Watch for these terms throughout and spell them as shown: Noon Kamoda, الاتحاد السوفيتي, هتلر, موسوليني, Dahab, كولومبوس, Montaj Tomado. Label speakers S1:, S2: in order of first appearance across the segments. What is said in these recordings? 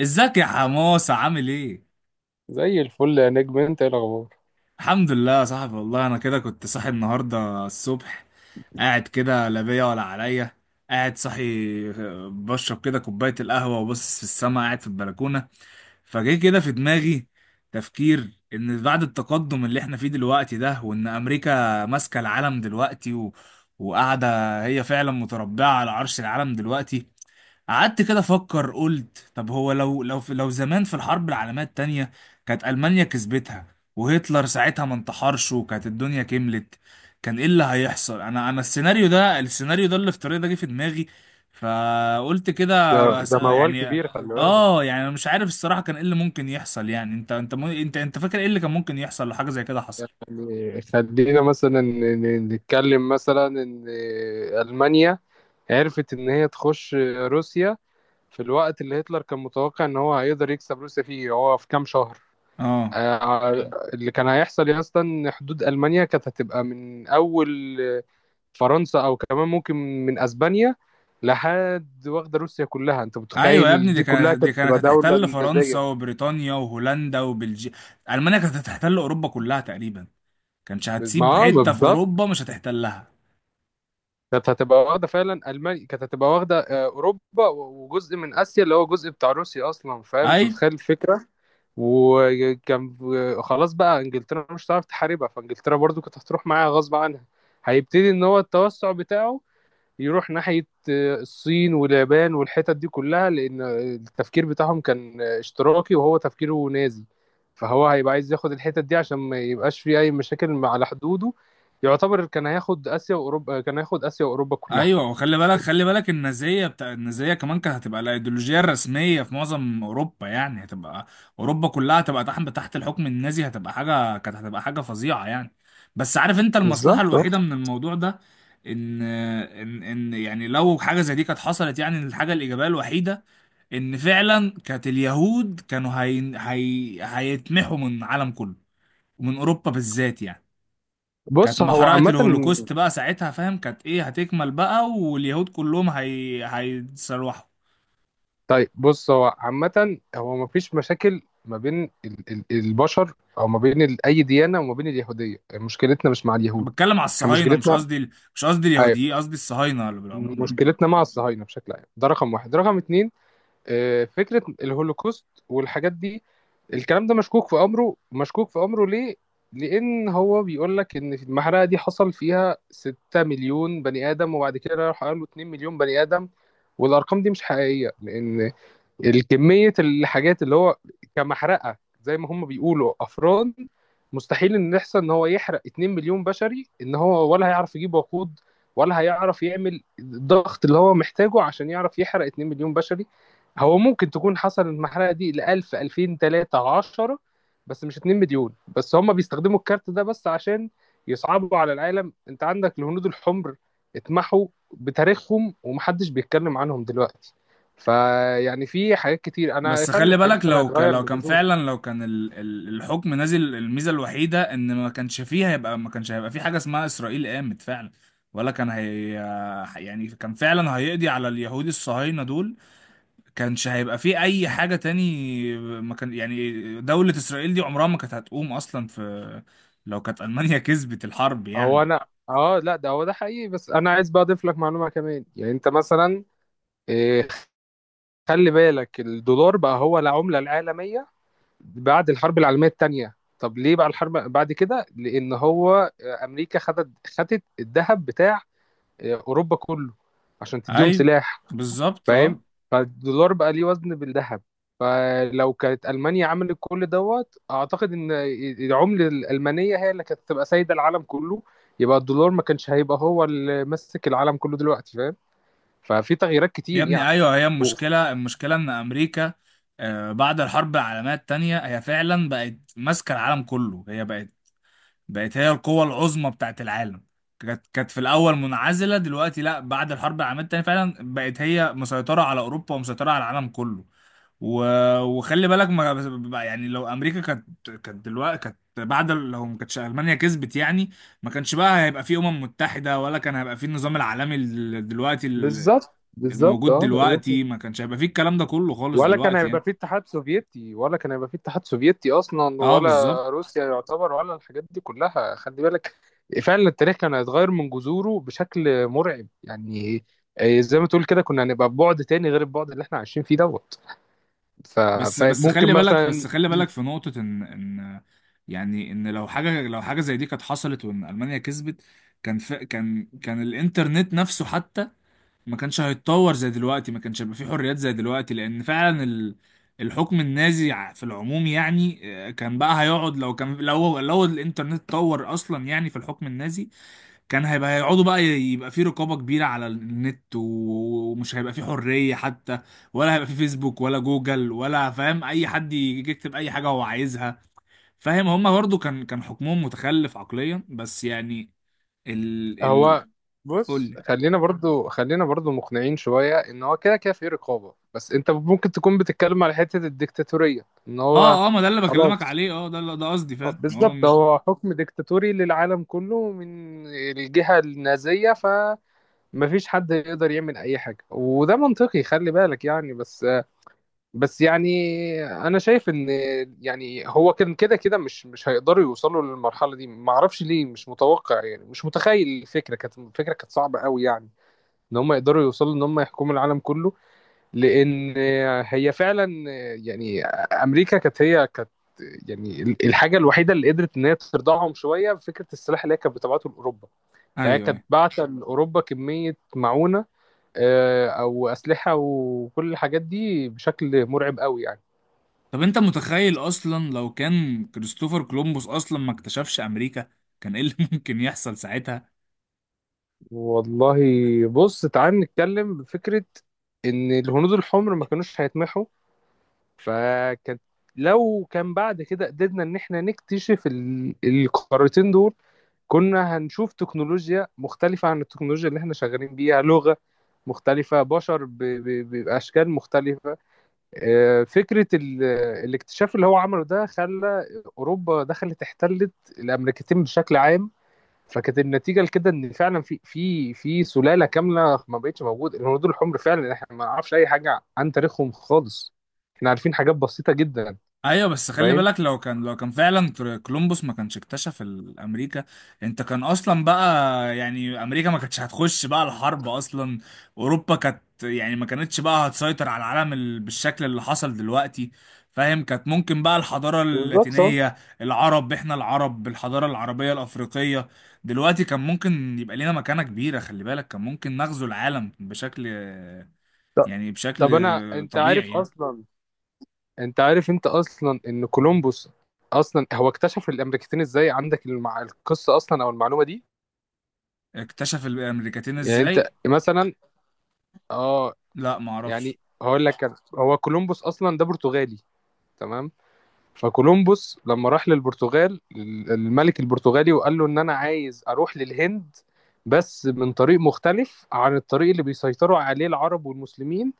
S1: ازيك يا حماسة، عامل ايه؟
S2: زي الفل يا نجم، انت ايه الاخبار؟
S1: الحمد لله يا صاحبي، والله انا كده كنت صاحي النهاردة الصبح. قاعد كده لا بيا ولا عليا. قاعد صاحي. بشرب كده كوباية القهوة وبص في السما قاعد في البلكونة. فجه كده في دماغي تفكير ان بعد التقدم اللي احنا فيه دلوقتي ده، وان امريكا ماسكة العالم دلوقتي وقاعدة. هي فعلا متربعة على عرش العالم دلوقتي. قعدت كده افكر، قلت طب هو لو زمان في الحرب العالميه التانيه كانت المانيا كسبتها، وهتلر ساعتها ما انتحرش، وكانت الدنيا كملت، كان ايه اللي هيحصل؟ انا السيناريو الافتراضي ده جه في دماغي. فقلت كده
S2: ده ده موال
S1: يعني.
S2: كبير خلي بالك.
S1: اه، يعني انا مش عارف الصراحه كان ايه اللي ممكن يحصل. يعني انت انت مو- انت انت فاكر ايه اللي كان ممكن يحصل لو حاجه زي كده حصل؟
S2: يعني خلينا مثلا نتكلم مثلا ان المانيا عرفت ان هي تخش روسيا في الوقت اللي هتلر كان متوقع ان هو هيقدر يكسب روسيا فيه هو في كام شهر.
S1: اه.
S2: آه، اللي كان هيحصل يا اسطى ان حدود المانيا كانت هتبقى من اول فرنسا او كمان ممكن من اسبانيا لحد واخده روسيا كلها. انت
S1: ايوه يا ابني،
S2: متخيل
S1: دي
S2: دي كلها
S1: كانت
S2: كانت
S1: دي كانت
S2: تبقى دوله
S1: هتحتل فرنسا
S2: نموذجيه؟
S1: وبريطانيا وهولندا وبلجيكا. المانيا كانت هتحتل اوروبا كلها تقريبا. كانش
S2: ما
S1: هتسيب
S2: ما
S1: حته في
S2: بالظبط،
S1: اوروبا مش هتحتلها.
S2: كانت هتبقى واخده فعلا. المانيا كانت هتبقى واخده اوروبا وجزء من اسيا اللي هو جزء بتاع روسيا اصلا، فاهم؟ انت
S1: ايوه،
S2: متخيل الفكره؟ وكان خلاص بقى انجلترا مش هتعرف تحاربها، فانجلترا برضو كانت هتروح معاها غصب عنها. هيبتدي ان هو التوسع بتاعه يروح ناحيه الصين واليابان والحتت دي كلها، لأن التفكير بتاعهم كان اشتراكي وهو تفكيره نازي. فهو هيبقى عايز ياخد الحتت دي عشان ما يبقاش فيه أي مشاكل على حدوده. يعتبر كان هياخد آسيا وأوروبا، كان هياخد آسيا وأوروبا كلها.
S1: ايوه. وخلي بالك، خلي بالك النازيه بتاع النازيه كمان كانت هتبقى الايديولوجيه الرسميه في معظم اوروبا، يعني هتبقى اوروبا كلها هتبقى تحت الحكم النازي، هتبقى حاجه، كانت هتبقى حاجه فظيعه يعني. بس عارف انت المصلحه
S2: بالظبط، اه.
S1: الوحيده من الموضوع ده، ان يعني لو حاجه زي دي كانت حصلت، يعني الحاجه الايجابيه الوحيده ان فعلا كانت اليهود كانوا هيتمحوا من العالم كله، ومن اوروبا بالذات يعني. كانت
S2: بص هو
S1: محرقة
S2: عامة.
S1: الهولوكوست بقى ساعتها، فاهم، كانت ايه، هتكمل بقى، واليهود كلهم هيتسلوحوا.
S2: طيب بص، هو عامة هو مفيش مشاكل ما بين البشر أو ما بين أي ديانة وما بين اليهودية. مشكلتنا مش مع
S1: انا
S2: اليهود،
S1: بتكلم على
S2: احنا
S1: الصهاينة، مش
S2: مشكلتنا،
S1: قصدي مش قصدي
S2: أيوة،
S1: اليهوديين، قصدي الصهاينة اللي بالعموم يعني.
S2: مشكلتنا مع الصهاينة بشكل عام. ده رقم واحد. رقم اتنين، فكرة الهولوكوست والحاجات دي، الكلام ده مشكوك في أمره، مشكوك في أمره. ليه؟ لأن هو بيقول لك إن في المحرقة دي حصل فيها 6 مليون بني آدم، وبعد كده راح قالوا 2 مليون بني آدم. والأرقام دي مش حقيقية، لأن الكمية الحاجات اللي هو كمحرقة زي ما هم بيقولوا أفران، مستحيل إن يحصل إن هو يحرق 2 مليون بشري. إن هو ولا هيعرف يجيب وقود، ولا هيعرف يعمل الضغط اللي هو محتاجه عشان يعرف يحرق 2 مليون بشري. هو ممكن تكون حصل المحرقة دي ل 1000 2000 3 10، بس مش 2 مليون. بس هم بيستخدموا الكارت ده بس عشان يصعبوا على العالم. أنت عندك الهنود الحمر اتمحوا بتاريخهم ومحدش بيتكلم عنهم دلوقتي. فيعني في حاجات كتير، انا
S1: بس
S2: فعلا
S1: خلي
S2: التاريخ
S1: بالك،
S2: انا هيتغير
S1: لو
S2: من
S1: كان
S2: جذوره.
S1: فعلا، لو كان الحكم نازل، الميزة الوحيدة ان ما كانش هيبقى في حاجة اسمها اسرائيل قامت فعلا، ولا كان هي، يعني كان فعلا هيقضي على اليهود الصهاينة دول. كانش هيبقى في اي حاجه تاني، ما كان، يعني دوله اسرائيل دي عمرها ما كانت هتقوم اصلا، في لو كانت المانيا كسبت الحرب
S2: هو
S1: يعني.
S2: انا اه، لا ده هو ده حقيقي، بس انا عايز بقى اضيف لك معلومه كمان. يعني انت مثلا إيه، خلي بالك الدولار بقى هو العمله العالميه بعد الحرب العالميه الثانيه. طب ليه بقى الحرب بعد كده؟ لان هو امريكا خدت الذهب بتاع اوروبا كله عشان تديهم
S1: اي،
S2: سلاح،
S1: بالظبط،
S2: فاهم؟
S1: اه.
S2: فالدولار بقى ليه وزن بالذهب. فلو كانت ألمانيا عملت كل دوت، أعتقد إن العملة الألمانية هي اللي كانت تبقى سايدة العالم كله. يبقى الدولار ما كانش هيبقى هو اللي ماسك العالم كله دلوقتي، فاهم؟ ففي تغييرات
S1: يا
S2: كتير يعني.
S1: ابني، ايوه، هي المشكله، المشكله ان امريكا بعد الحرب العالميه التانيه هي فعلا بقت ماسكه العالم كله. هي بقت، بقت هي القوه العظمى بتاعت العالم. كانت في الاول منعزله، دلوقتي لا، بعد الحرب العالميه التانيه فعلا بقت هي مسيطره على اوروبا ومسيطره على العالم كله. و... وخلي بالك ما بقى، يعني لو امريكا كانت لو ما كانتش المانيا كسبت يعني، ما كانش بقى هيبقى في متحده، ولا كان هيبقى في النظام العالمي
S2: بالظبط، بالظبط،
S1: الموجود
S2: اه.
S1: دلوقتي. ما كانش هيبقى في الكلام ده كله خالص
S2: ولا كان
S1: دلوقتي
S2: هيبقى
S1: يعني.
S2: في اتحاد سوفيتي، ولا كان هيبقى في اتحاد سوفيتي اصلا،
S1: اه، بالظبط.
S2: ولا روسيا يعتبر، ولا الحاجات دي كلها. خلي بالك فعلا التاريخ كان هيتغير من جذوره بشكل مرعب يعني. زي ما تقول كده كنا هنبقى ببعد تاني غير البعد اللي احنا عايشين فيه دوت. ف-
S1: بس
S2: فممكن
S1: خلي بالك،
S2: مثلا.
S1: في نقطه، ان يعني ان لو حاجه زي دي كانت حصلت، وان المانيا كسبت، كان ف... كان كان الانترنت نفسه حتى ما كانش هيتطور زي دلوقتي. ما كانش هيبقى فيه حريات زي دلوقتي، لان فعلا الحكم النازي في العموم يعني كان بقى هيقعد، لو كان لو الانترنت اتطور اصلا يعني في الحكم النازي، كان هيبقى هيقعدوا بقى يبقى فيه رقابة كبيرة على النت، و- ومش هيبقى فيه حرية حتى، ولا هيبقى فيه فيسبوك، ولا جوجل، ولا، فاهم، اي حد يجي يكتب اي حاجة هو عايزها. فاهم، هما برضو كان حكمهم متخلف عقليا بس يعني ال ال
S2: هو بص،
S1: قول.
S2: خلينا برضو مقنعين شوية ان هو كده كده في رقابة، بس انت ممكن تكون بتتكلم على حتة الديكتاتورية ان هو.
S1: اه، اه، ما ده اللي بكلمك
S2: خلاص.
S1: عليه، اه، ده قصدي، فاهم، ما هو
S2: بالظبط،
S1: مش.
S2: هو حكم ديكتاتوري للعالم كله من الجهة النازية، فمفيش حد يقدر يعمل أي حاجة. وده منطقي خلي بالك يعني. بس بس يعني أنا شايف إن يعني هو كان كده كده مش هيقدروا يوصلوا للمرحلة دي. معرفش ليه مش متوقع يعني، مش متخيل الفكرة. كانت الفكرة كانت صعبة قوي يعني إن هم يقدروا يوصلوا إن هم يحكموا العالم كله. لان هي فعلا، يعني امريكا كانت هي كانت، يعني الحاجه الوحيده اللي قدرت ان هي ترضعهم شويه فكره السلاح اللي هي كانت بتبعته لاوروبا.
S1: ايوه،
S2: فهي كانت
S1: ايوه.
S2: باعته لاوروبا كميه معونه او اسلحه وكل الحاجات دي بشكل مرعب قوي يعني.
S1: طب انت متخيل اصلا، لو كان كريستوفر كولومبوس اصلا ما اكتشفش امريكا، كان ايه اللي ممكن يحصل ساعتها؟
S2: والله بص، تعال نتكلم بفكره ان الهنود الحمر ما كانوش هيتمحوا. فكانت، لو كان بعد كده قدرنا ان احنا نكتشف القارتين دول، كنا هنشوف تكنولوجيا مختلفة عن التكنولوجيا اللي احنا شغالين بيها، لغة مختلفة، بشر بأشكال مختلفة. فكرة الاكتشاف اللي هو عمله ده خلى أوروبا دخلت احتلت الأمريكتين بشكل عام. فكانت النتيجة لكده إن فعلا في سلالة كاملة ما بقتش موجودة. الهنود الحمر فعلا احنا ما نعرفش أي حاجة عن تاريخهم خالص، احنا عارفين حاجات بسيطة جدا.
S1: ايوه، بس خلي
S2: فاهم؟
S1: بالك، لو كان فعلا كولومبوس ما كانش اكتشف امريكا، انت كان اصلا بقى، يعني امريكا ما كانتش هتخش بقى الحرب اصلا. اوروبا كانت، يعني ما كانتش بقى هتسيطر على العالم بالشكل اللي حصل دلوقتي. فاهم، كانت ممكن بقى الحضارة
S2: بالظبط.
S1: اللاتينية، العرب، احنا العرب بالحضارة العربية الافريقية دلوقتي كان ممكن يبقى لينا مكانة كبيرة. خلي بالك، كان ممكن نغزو العالم بشكل، يعني بشكل
S2: طب أنا أنت عارف
S1: طبيعي.
S2: أصلا، انت عارف انت اصلا ان كولومبوس اصلا هو اكتشف الامريكتين ازاي؟ عندك القصه اصلا او المعلومه دي؟
S1: اكتشف الامريكتين
S2: يعني انت
S1: ازاي؟
S2: مثلا. اه.
S1: لا، ما اعرفش.
S2: يعني هقول لك انا، هو كولومبوس اصلا ده برتغالي، تمام؟ فكولومبوس لما راح للبرتغال، الملك البرتغالي، وقال له ان انا عايز اروح للهند بس من طريق مختلف عن الطريق اللي بيسيطروا عليه العرب والمسلمين.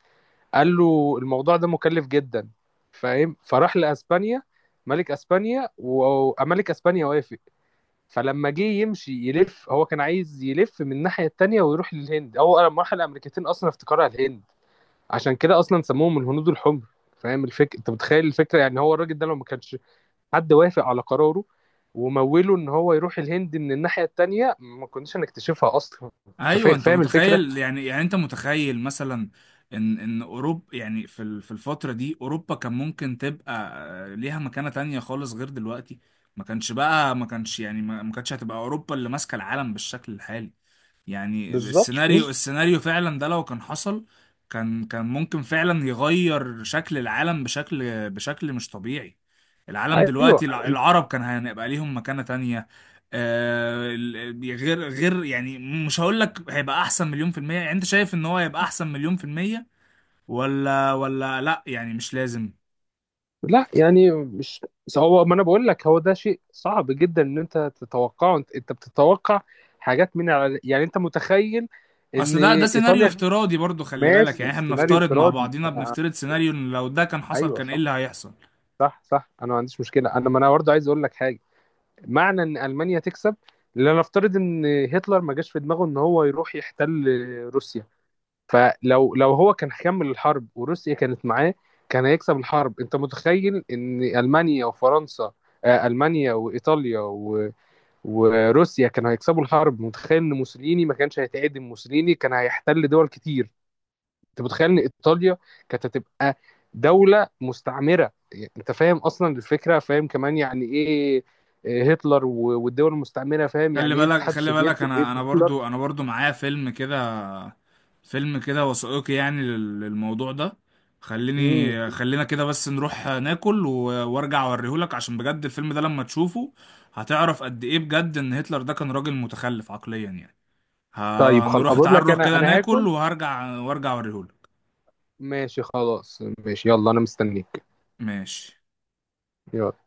S2: قال له الموضوع ده مكلف جدا، فاهم؟ فراح لاسبانيا، ملك اسبانيا، وملك اسبانيا وافق. فلما جه يمشي يلف، هو كان عايز يلف من الناحيه التانيه ويروح للهند. هو لما راح الامريكتين اصلا افتكرها الهند، عشان كده اصلا سموهم الهنود الحمر، فاهم الفكره؟ انت متخيل الفكره يعني؟ هو الراجل ده لو ما كانش حد وافق على قراره وموله ان هو يروح الهند من الناحيه التانيه، ما كناش هنكتشفها اصلا. انت
S1: ايوه، انت
S2: فاهم الفكره؟
S1: متخيل، يعني، يعني انت متخيل مثلا ان اوروبا، يعني في في الفتره دي اوروبا كان ممكن تبقى ليها مكانه تانية خالص غير دلوقتي. ما كانش بقى ما كانش يعني ما ما كانتش هتبقى اوروبا اللي ماسكه العالم بالشكل الحالي يعني.
S2: بالظبط،
S1: السيناريو فعلا ده، لو كان حصل، كان ممكن فعلا يغير شكل العالم بشكل مش طبيعي. العالم
S2: ايوه.
S1: دلوقتي، العرب كان هيبقى ليهم مكانة تانية، غير يعني، مش هقول لك هيبقى احسن مليون في المية. يعني انت شايف ان هو هيبقى احسن مليون في المية؟ ولا ولا لا يعني، مش لازم.
S2: لا يعني مش، بس، هو ما انا بقول لك، هو ده شيء صعب جدا ان انت تتوقعه. انت، انت بتتوقع حاجات من على، يعني انت متخيل ان
S1: اصل ده سيناريو
S2: ايطاليا،
S1: افتراضي برضو خلي بالك، يعني
S2: ماشي
S1: احنا
S2: سيناريو
S1: بنفترض مع
S2: افتراضي
S1: بعضينا،
S2: انا.
S1: بنفترض سيناريو إن لو ده كان حصل
S2: ايوه
S1: كان ايه
S2: صح،
S1: اللي هيحصل.
S2: صح صح. انا ما عنديش مشكله، انا ما انا برضه عايز اقول لك حاجه. معنى ان المانيا تكسب، لنفترض ان هتلر ما جاش في دماغه ان هو يروح يحتل روسيا. فلو لو هو كان هيكمل الحرب وروسيا كانت معاه، كان هيكسب الحرب. انت متخيل ان المانيا وفرنسا، المانيا وايطاليا وروسيا كانوا هيكسبوا الحرب؟ متخيل ان موسوليني ما كانش هيتعدم؟ موسوليني كان هيحتل دول كتير. انت متخيل ان ايطاليا كانت هتبقى دولة مستعمرة؟ يعني انت فاهم اصلا الفكرة؟ فاهم كمان يعني ايه إيه هتلر والدول المستعمرة؟ فاهم
S1: خلي
S2: يعني ايه
S1: بالك،
S2: الاتحاد
S1: خلي بالك،
S2: السوفيتي ايه
S1: انا انا
S2: هتلر؟
S1: برضو انا برضو معايا فيلم كده وثائقي يعني للموضوع ده.
S2: امم.
S1: خلينا كده بس نروح ناكل، و- وارجع اوريهولك، عشان بجد الفيلم ده لما تشوفه هتعرف قد ايه بجد ان هتلر ده كان راجل متخلف عقليا يعني.
S2: طيب خلاص،
S1: هنروح،
S2: اقول
S1: تعال
S2: لك
S1: نروح
S2: انا،
S1: كده
S2: انا
S1: ناكل،
S2: هاكل.
S1: وارجع اوريهولك.
S2: ماشي خلاص، ماشي. يلا انا مستنيك.
S1: ماشي.
S2: يلا.